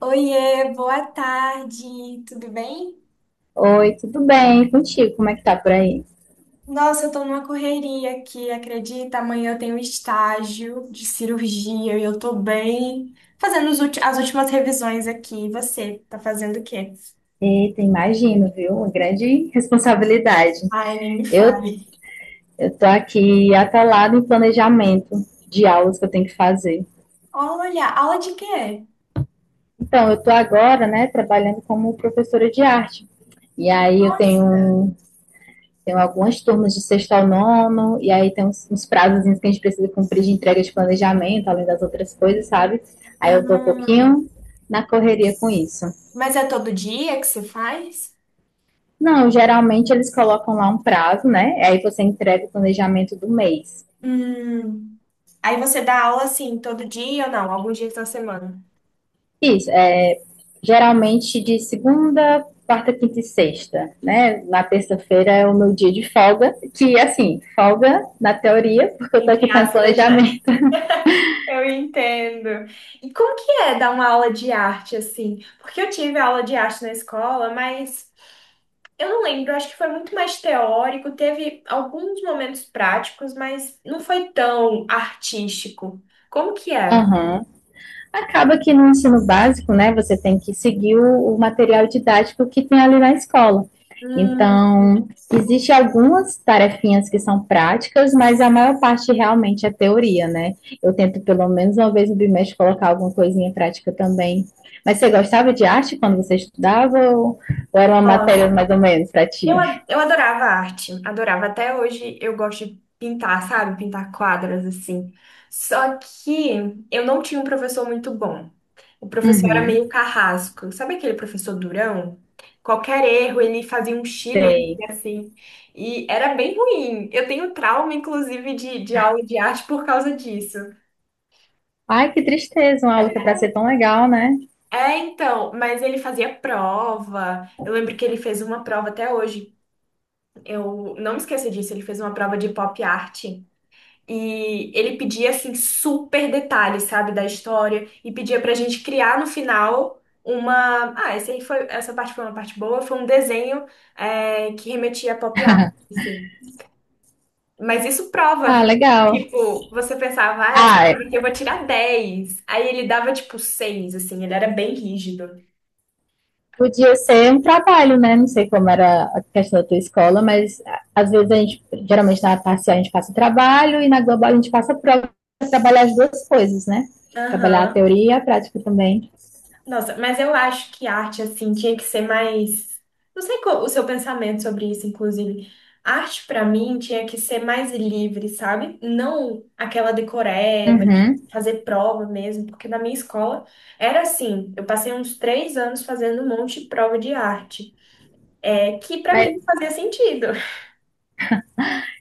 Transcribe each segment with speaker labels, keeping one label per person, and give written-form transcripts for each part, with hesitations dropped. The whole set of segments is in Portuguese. Speaker 1: Oiê, boa tarde, tudo bem?
Speaker 2: Oi, tudo bem? E contigo? Como é que tá por aí?
Speaker 1: Nossa, eu tô numa correria aqui, acredita? Amanhã eu tenho estágio de cirurgia e eu tô bem fazendo os as últimas revisões aqui. E você, tá fazendo o quê?
Speaker 2: Eita, imagino, viu? Uma grande responsabilidade.
Speaker 1: Ai, nem me
Speaker 2: Eu,
Speaker 1: fale.
Speaker 2: eu tô aqui atalado em planejamento de aulas que eu tenho que fazer.
Speaker 1: Olha, aula de quê?
Speaker 2: Então, eu tô agora, né, trabalhando como professora de arte. E aí eu
Speaker 1: Nossa.
Speaker 2: tenho algumas turmas de sexto ao nono, e aí tem uns prazos que a gente precisa cumprir de entrega de planejamento, além das outras coisas, sabe? Aí
Speaker 1: Ah,
Speaker 2: eu tô um pouquinho na correria com isso.
Speaker 1: mas é todo dia que você faz?
Speaker 2: Não, geralmente eles colocam lá um prazo, né? Aí você entrega o planejamento do mês.
Speaker 1: Hum. Aí você dá aula assim, todo dia ou não? Alguns dias da semana?
Speaker 2: Isso, é, geralmente de segunda, quarta, quinta e sexta, né? Na terça-feira é o meu dia de folga, que assim, folga na teoria, porque eu tô aqui
Speaker 1: Entre
Speaker 2: fazendo
Speaker 1: aspas, né?
Speaker 2: planejamento.
Speaker 1: Eu entendo. E como que é dar uma aula de arte assim? Porque eu tive aula de arte na escola, mas eu não lembro, acho que foi muito mais teórico, teve alguns momentos práticos, mas não foi tão artístico. Como que é?
Speaker 2: Aham. Acaba que no ensino básico, né, você tem que seguir o material didático que tem ali na escola.
Speaker 1: Hum,
Speaker 2: Então, existe algumas tarefinhas que são práticas, mas a maior parte realmente é teoria, né? Eu tento pelo menos uma vez no bimestre colocar alguma coisinha prática também. Mas você gostava de arte quando você estudava ou era uma
Speaker 1: nossa.
Speaker 2: matéria mais ou menos para
Speaker 1: Eu,
Speaker 2: ti?
Speaker 1: a- eu adorava arte, adorava. Até hoje eu gosto de pintar, sabe? Pintar quadras assim. Só que eu não tinha um professor muito bom. O professor era
Speaker 2: Uhum.
Speaker 1: meio carrasco. Sabe aquele professor durão? Qualquer erro, ele fazia um chilique
Speaker 2: Sei.
Speaker 1: assim. E era bem ruim. Eu tenho trauma, inclusive, de aula de arte por causa disso.
Speaker 2: Ai, que tristeza, uma aula que é para ser tão legal, né?
Speaker 1: É, então, mas ele fazia prova. Eu lembro que ele fez uma prova até hoje. Eu não me esqueço disso, ele fez uma prova de pop art. E ele pedia assim super detalhes, sabe, da história e pedia pra gente criar no final uma, ah, essa aí foi, essa parte foi uma parte boa, foi um desenho que remetia a pop art, assim. Mas isso prova,
Speaker 2: Ah,
Speaker 1: viu?
Speaker 2: legal.
Speaker 1: Tipo, você pensava, ah, essa
Speaker 2: Ah,
Speaker 1: prova aqui eu vou tirar 10. Aí ele dava tipo 6 assim, ele era bem rígido.
Speaker 2: podia ser um trabalho, né? Não sei como era a questão da tua escola, mas às vezes geralmente na parcial a gente passa trabalho e na global a gente passa prova para trabalhar as duas coisas, né? Trabalhar a
Speaker 1: Aham.
Speaker 2: teoria e a prática também.
Speaker 1: Nossa, mas eu acho que arte, assim, tinha que ser mais. Não sei qual o seu pensamento sobre isso, inclusive. Arte, pra mim, tinha que ser mais livre, sabe? Não aquela decoreba de
Speaker 2: Uhum.
Speaker 1: fazer prova mesmo, porque na minha escola era assim. Eu passei uns 3 anos fazendo um monte de prova de arte, que pra
Speaker 2: Mas,
Speaker 1: mim não fazia sentido.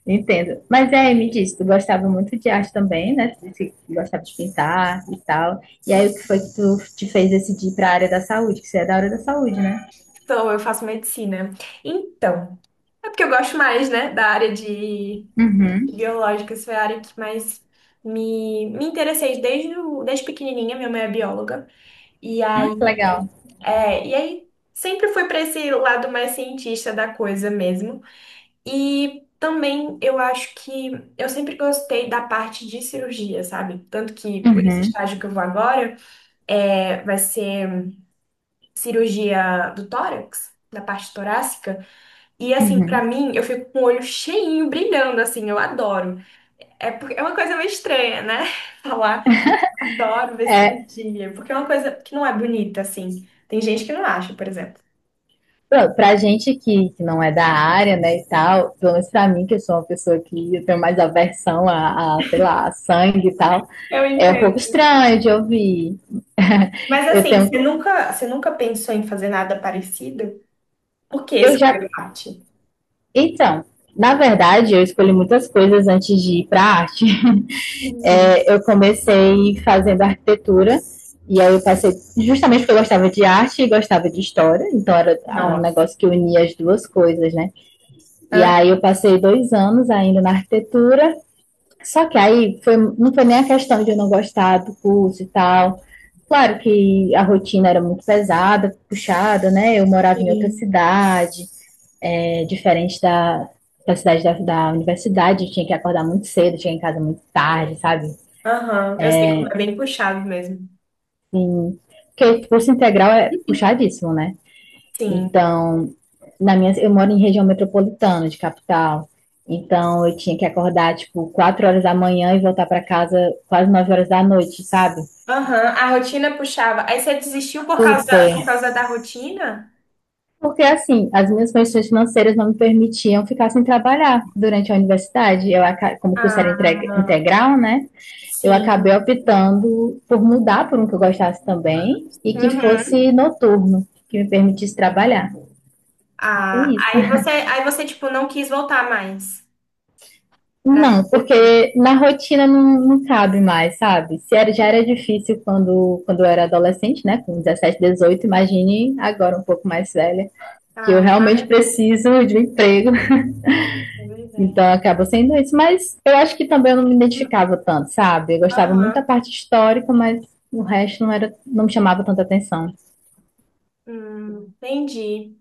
Speaker 2: entendo. Mas é, me disse, tu gostava muito de arte também, né? Tu disse que gostava de pintar e tal. E aí, o que foi que tu te fez decidir para a área da saúde? Que você é da área da saúde, né?
Speaker 1: Então, eu faço medicina. Então, é porque eu gosto mais, né, da área de
Speaker 2: Uhum.
Speaker 1: biológicas foi a área que mais me, me interessei desde, desde pequenininha. Minha mãe é bióloga. E
Speaker 2: Ah, que
Speaker 1: aí,
Speaker 2: legal.
Speaker 1: e aí sempre fui para esse lado mais cientista da coisa mesmo. E também eu acho que eu sempre gostei da parte de cirurgia, sabe? Tanto que pô, esse
Speaker 2: Uhum.
Speaker 1: estágio que eu vou agora vai ser cirurgia do tórax. Da parte torácica. E assim, para
Speaker 2: Uhum.
Speaker 1: mim, eu fico com o olho cheinho, brilhando, assim, eu adoro. É uma coisa meio estranha, né? Falar, adoro ver cirurgia, porque é uma coisa que não é bonita, assim. Tem gente que não acha, por exemplo.
Speaker 2: Pra gente que não é da área, né, e tal, pelo menos pra mim, que eu sou uma pessoa que eu tenho mais aversão a, sei lá, a sangue e tal,
Speaker 1: Eu
Speaker 2: é um pouco
Speaker 1: entendo.
Speaker 2: estranho de ouvir.
Speaker 1: Mas
Speaker 2: Eu
Speaker 1: assim,
Speaker 2: tenho.
Speaker 1: você nunca pensou em fazer nada parecido? Por que
Speaker 2: Eu já.
Speaker 1: escolher arte?
Speaker 2: Então, na verdade, eu escolhi muitas coisas antes de ir pra arte.
Speaker 1: Hum,
Speaker 2: É, eu comecei fazendo arquitetura. E aí eu passei justamente porque eu gostava de arte e gostava de história, então era é um
Speaker 1: Nossa.
Speaker 2: negócio que unia as duas coisas, né? E
Speaker 1: Hã?
Speaker 2: aí eu passei 2 anos ainda na arquitetura. Só que aí não foi nem a questão de eu não gostar do curso e tal. Claro que a rotina era muito pesada, puxada, né? Eu morava em outra
Speaker 1: Sim.
Speaker 2: cidade, é, diferente da cidade da universidade, eu tinha que acordar muito cedo, tinha em casa muito tarde, sabe?
Speaker 1: Aham. Eu sei como é bem puxado mesmo.
Speaker 2: Assim, porque curso integral é puxadíssimo, né?
Speaker 1: Sim.
Speaker 2: Então, eu moro em região metropolitana de capital. Então, eu tinha que acordar, tipo, 4 horas da manhã e voltar para casa quase 9 horas da noite, sabe?
Speaker 1: Aham. A rotina puxava. Aí você desistiu por
Speaker 2: Super
Speaker 1: causa da rotina?
Speaker 2: Porque assim, as minhas condições financeiras não me permitiam ficar sem trabalhar durante a universidade. Como o curso era
Speaker 1: Ah,
Speaker 2: integral, né? Eu acabei
Speaker 1: sim.
Speaker 2: optando por mudar por um que eu gostasse também e que
Speaker 1: Uhum.
Speaker 2: fosse noturno, que me permitisse trabalhar. Foi
Speaker 1: Ah,
Speaker 2: isso.
Speaker 1: aí você, tipo, não quis voltar mais pra
Speaker 2: Não,
Speaker 1: arquitetura.
Speaker 2: porque na rotina não cabe mais, sabe? Se era, já era difícil quando eu era adolescente, né? Com 17, 18, imagine agora um pouco mais velha, que eu
Speaker 1: Ah,
Speaker 2: realmente
Speaker 1: imagina,
Speaker 2: preciso de um emprego.
Speaker 1: é verdade.
Speaker 2: Então acaba sendo isso. Mas eu acho que também eu não me
Speaker 1: Hum,
Speaker 2: identificava tanto, sabe? Eu gostava muito da
Speaker 1: Aham,
Speaker 2: parte histórica, mas o resto não me chamava tanta atenção.
Speaker 1: entendi.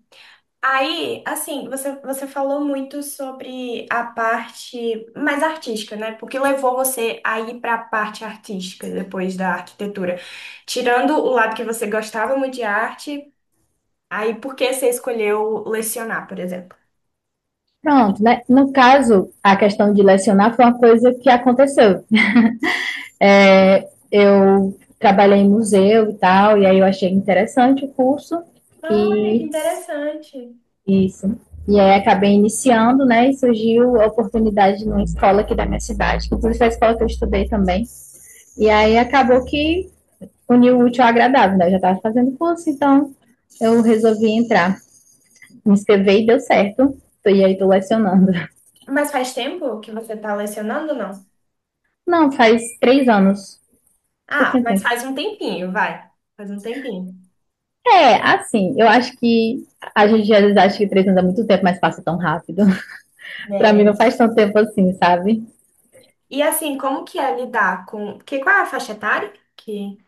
Speaker 1: Aí, assim, você falou muito sobre a parte mais artística, né? Porque levou você a ir para a parte artística depois da arquitetura. Tirando o lado que você gostava muito de arte, aí por que você escolheu lecionar, por exemplo?
Speaker 2: Pronto, né? No caso, a questão de lecionar foi uma coisa que aconteceu. É, eu trabalhei em museu e tal, e aí eu achei interessante o curso
Speaker 1: Olha, que
Speaker 2: e
Speaker 1: interessante.
Speaker 2: isso. E aí acabei iniciando, né? E surgiu a oportunidade numa escola aqui da minha cidade, que inclusive foi a escola que eu estudei também. E aí acabou que uniu o útil ao agradável, né? Eu já estava fazendo curso, então eu resolvi entrar. Me inscrevi e deu certo. E aí tô lecionando.
Speaker 1: Mas faz tempo que você está lecionando, ou não?
Speaker 2: Não, faz 3 anos.
Speaker 1: Ah,
Speaker 2: Pouquinho
Speaker 1: mas
Speaker 2: tempo.
Speaker 1: faz um tempinho, vai. Faz um tempinho.
Speaker 2: É, assim, eu acho que a gente às vezes acha que 3 anos é muito tempo, mas passa tão rápido. Pra
Speaker 1: É,
Speaker 2: mim não faz tanto tempo assim, sabe?
Speaker 1: e assim, como que é lidar com... Que, qual é a faixa etária? Que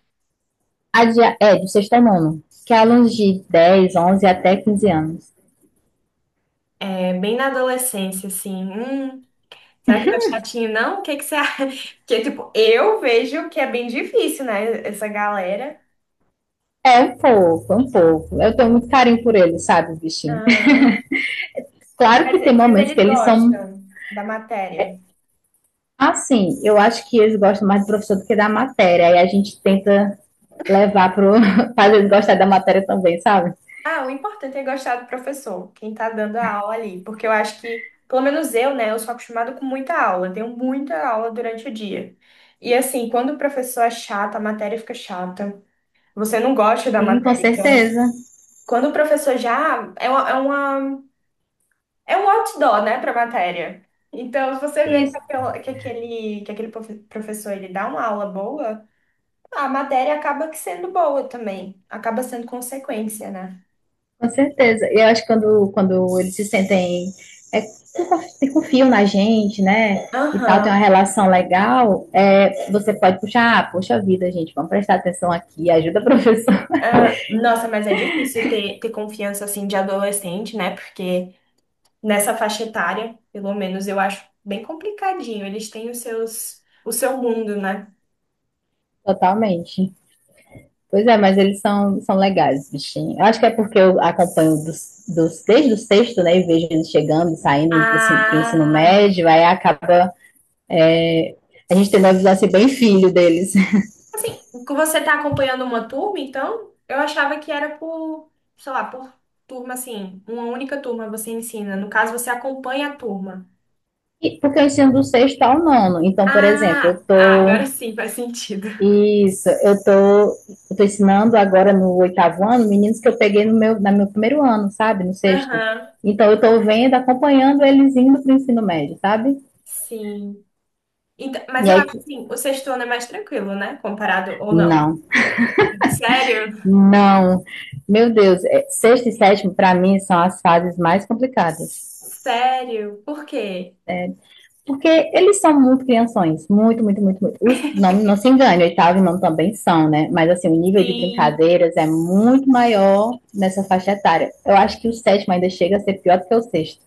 Speaker 2: Do sexto ao nono. Que é alunos de 10, 11 até 15 anos.
Speaker 1: é bem na adolescência, assim. Será que não é chatinho, não? O que que você acha? Porque, tipo, eu vejo que é bem difícil, né? Essa galera.
Speaker 2: É um pouco, é um pouco. Eu tenho muito carinho por eles, sabe, bichinho?
Speaker 1: Ah,
Speaker 2: Claro
Speaker 1: mas,
Speaker 2: que tem
Speaker 1: mas
Speaker 2: momentos que
Speaker 1: eles
Speaker 2: eles são.
Speaker 1: gostam da matéria.
Speaker 2: Assim, eu acho que eles gostam mais do professor do que da matéria. Aí a gente tenta levar pro. Fazer eles gostar da matéria também, sabe?
Speaker 1: Ah, o importante é gostar do professor, quem tá dando a aula ali, porque eu acho que, pelo menos eu, né, eu sou acostumada com muita aula, tenho muita aula durante o dia. E assim, quando o professor é chato, a matéria fica chata. Você não gosta da
Speaker 2: Sim, com
Speaker 1: matéria, então,
Speaker 2: certeza.
Speaker 1: quando o professor já é uma, é uma- é um outdoor, né, pra matéria. Então, se você vê que
Speaker 2: Isso,
Speaker 1: aquela- que aquele, professor ele dá uma aula boa, a matéria acaba que sendo boa também, acaba sendo consequência, né?
Speaker 2: com certeza. E eu acho que quando eles se sentem. É, se confiam na gente, né? E tal, tem uma
Speaker 1: Aham.
Speaker 2: relação legal, é, você pode puxar, ah, poxa vida, gente, vamos prestar atenção aqui, ajuda a professora.
Speaker 1: Ah, nossa, mas é difícil ter confiança assim de adolescente, né? Porque nessa faixa etária, pelo menos eu acho bem complicadinho. Eles têm os seus, o seu mundo, né?
Speaker 2: Totalmente. Pois é, mas eles são legais, bichinho. Eu acho que é porque eu acompanho desde o sexto, né? E vejo eles chegando, saindo, indo pro, ensino
Speaker 1: Ah,
Speaker 2: médio, aí acaba a gente tendo a visão assim, bem filho deles.
Speaker 1: assim, que você tá acompanhando uma turma, então eu achava que era por, sei lá, por turma assim, uma única turma você ensina. No caso, você acompanha a turma.
Speaker 2: E porque eu ensino do sexto ao nono. Então, por exemplo, eu
Speaker 1: Ah, ah, agora
Speaker 2: tô.
Speaker 1: sim faz sentido.
Speaker 2: Isso, eu tô ensinando agora no oitavo ano meninos que eu peguei no meu primeiro ano, sabe? No sexto.
Speaker 1: Aham,
Speaker 2: Então, eu tô vendo, acompanhando eles indo para o ensino médio, sabe?
Speaker 1: sim. Então, mas
Speaker 2: E
Speaker 1: eu acho
Speaker 2: aí,
Speaker 1: assim, o sexto ano é mais tranquilo, né? Comparado ou não?
Speaker 2: não.
Speaker 1: Sério?
Speaker 2: Não, meu Deus, é, sexto e sétimo para mim são as fases mais complicadas,
Speaker 1: Sério? Por quê?
Speaker 2: porque eles são muito crianções, muito, muito, muito, muito. Não, não se engane, oitavo e nono também são, né? Mas assim, o nível de
Speaker 1: Sim.
Speaker 2: brincadeiras é muito maior nessa faixa etária. Eu acho que o sétimo ainda chega a ser pior do que o sexto.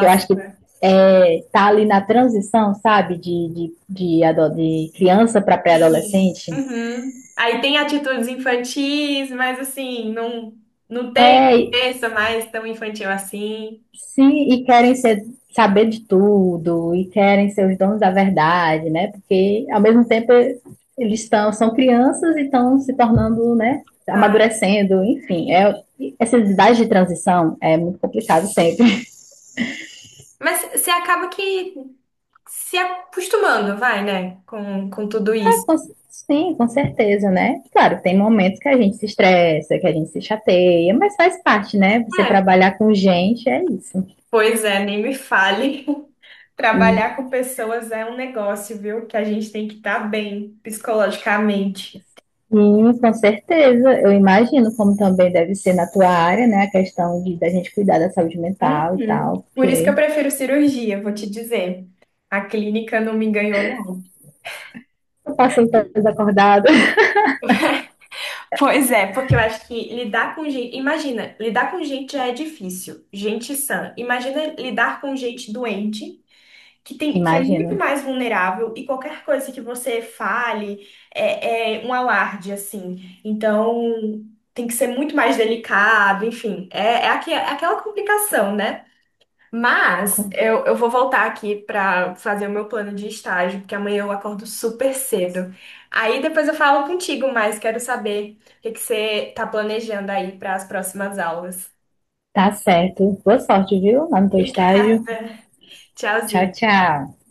Speaker 2: Eu acho que é, tá ali na transição, sabe, de criança para
Speaker 1: Sim.
Speaker 2: pré-adolescente.
Speaker 1: Uhum. Aí tem atitudes infantis, mas assim, não, não tem
Speaker 2: É,
Speaker 1: cabeça mais tão infantil assim.
Speaker 2: sim, e saber de tudo, e querem ser os donos da verdade, né? Porque, ao mesmo tempo, eles são crianças e estão se tornando, né?
Speaker 1: Ai.
Speaker 2: Amadurecendo, enfim. É, essas idades de transição é muito complicado sempre.
Speaker 1: Mas você acaba que se acostumando, vai, né? Com tudo isso.
Speaker 2: Sim, com certeza, né? Claro, tem momentos que a gente se estressa, que a gente se chateia, mas faz parte, né? Você
Speaker 1: É.
Speaker 2: trabalhar com gente é isso.
Speaker 1: Pois é, nem me fale. Trabalhar com pessoas é um negócio, viu? Que a gente tem que estar bem psicologicamente.
Speaker 2: Sim, com certeza. Eu imagino como também deve ser na tua área, né? A questão de da gente cuidar da saúde mental e
Speaker 1: Uhum.
Speaker 2: tal,
Speaker 1: Por isso que eu
Speaker 2: porque
Speaker 1: prefiro cirurgia, vou te dizer. A clínica não me enganou, não.
Speaker 2: eu passei toda acordada.
Speaker 1: Pois é, porque eu acho que lidar com gente. Imagina, lidar com gente já é difícil. Gente sã. Imagina lidar com gente doente, que tem, que é muito
Speaker 2: Imagino.
Speaker 1: mais vulnerável e qualquer coisa que você fale é um alarde, assim. Então, tem que ser muito mais delicado, enfim. É aquela complicação, né? Mas eu vou voltar aqui para fazer o meu plano de estágio, porque amanhã eu acordo super cedo. Aí depois eu falo contigo, mas quero saber o que que você está planejando aí para as próximas aulas.
Speaker 2: Tá certo. Boa sorte, viu? Lá no teu estágio.
Speaker 1: Obrigada.
Speaker 2: Tchau,
Speaker 1: Tchauzinho.
Speaker 2: tchau.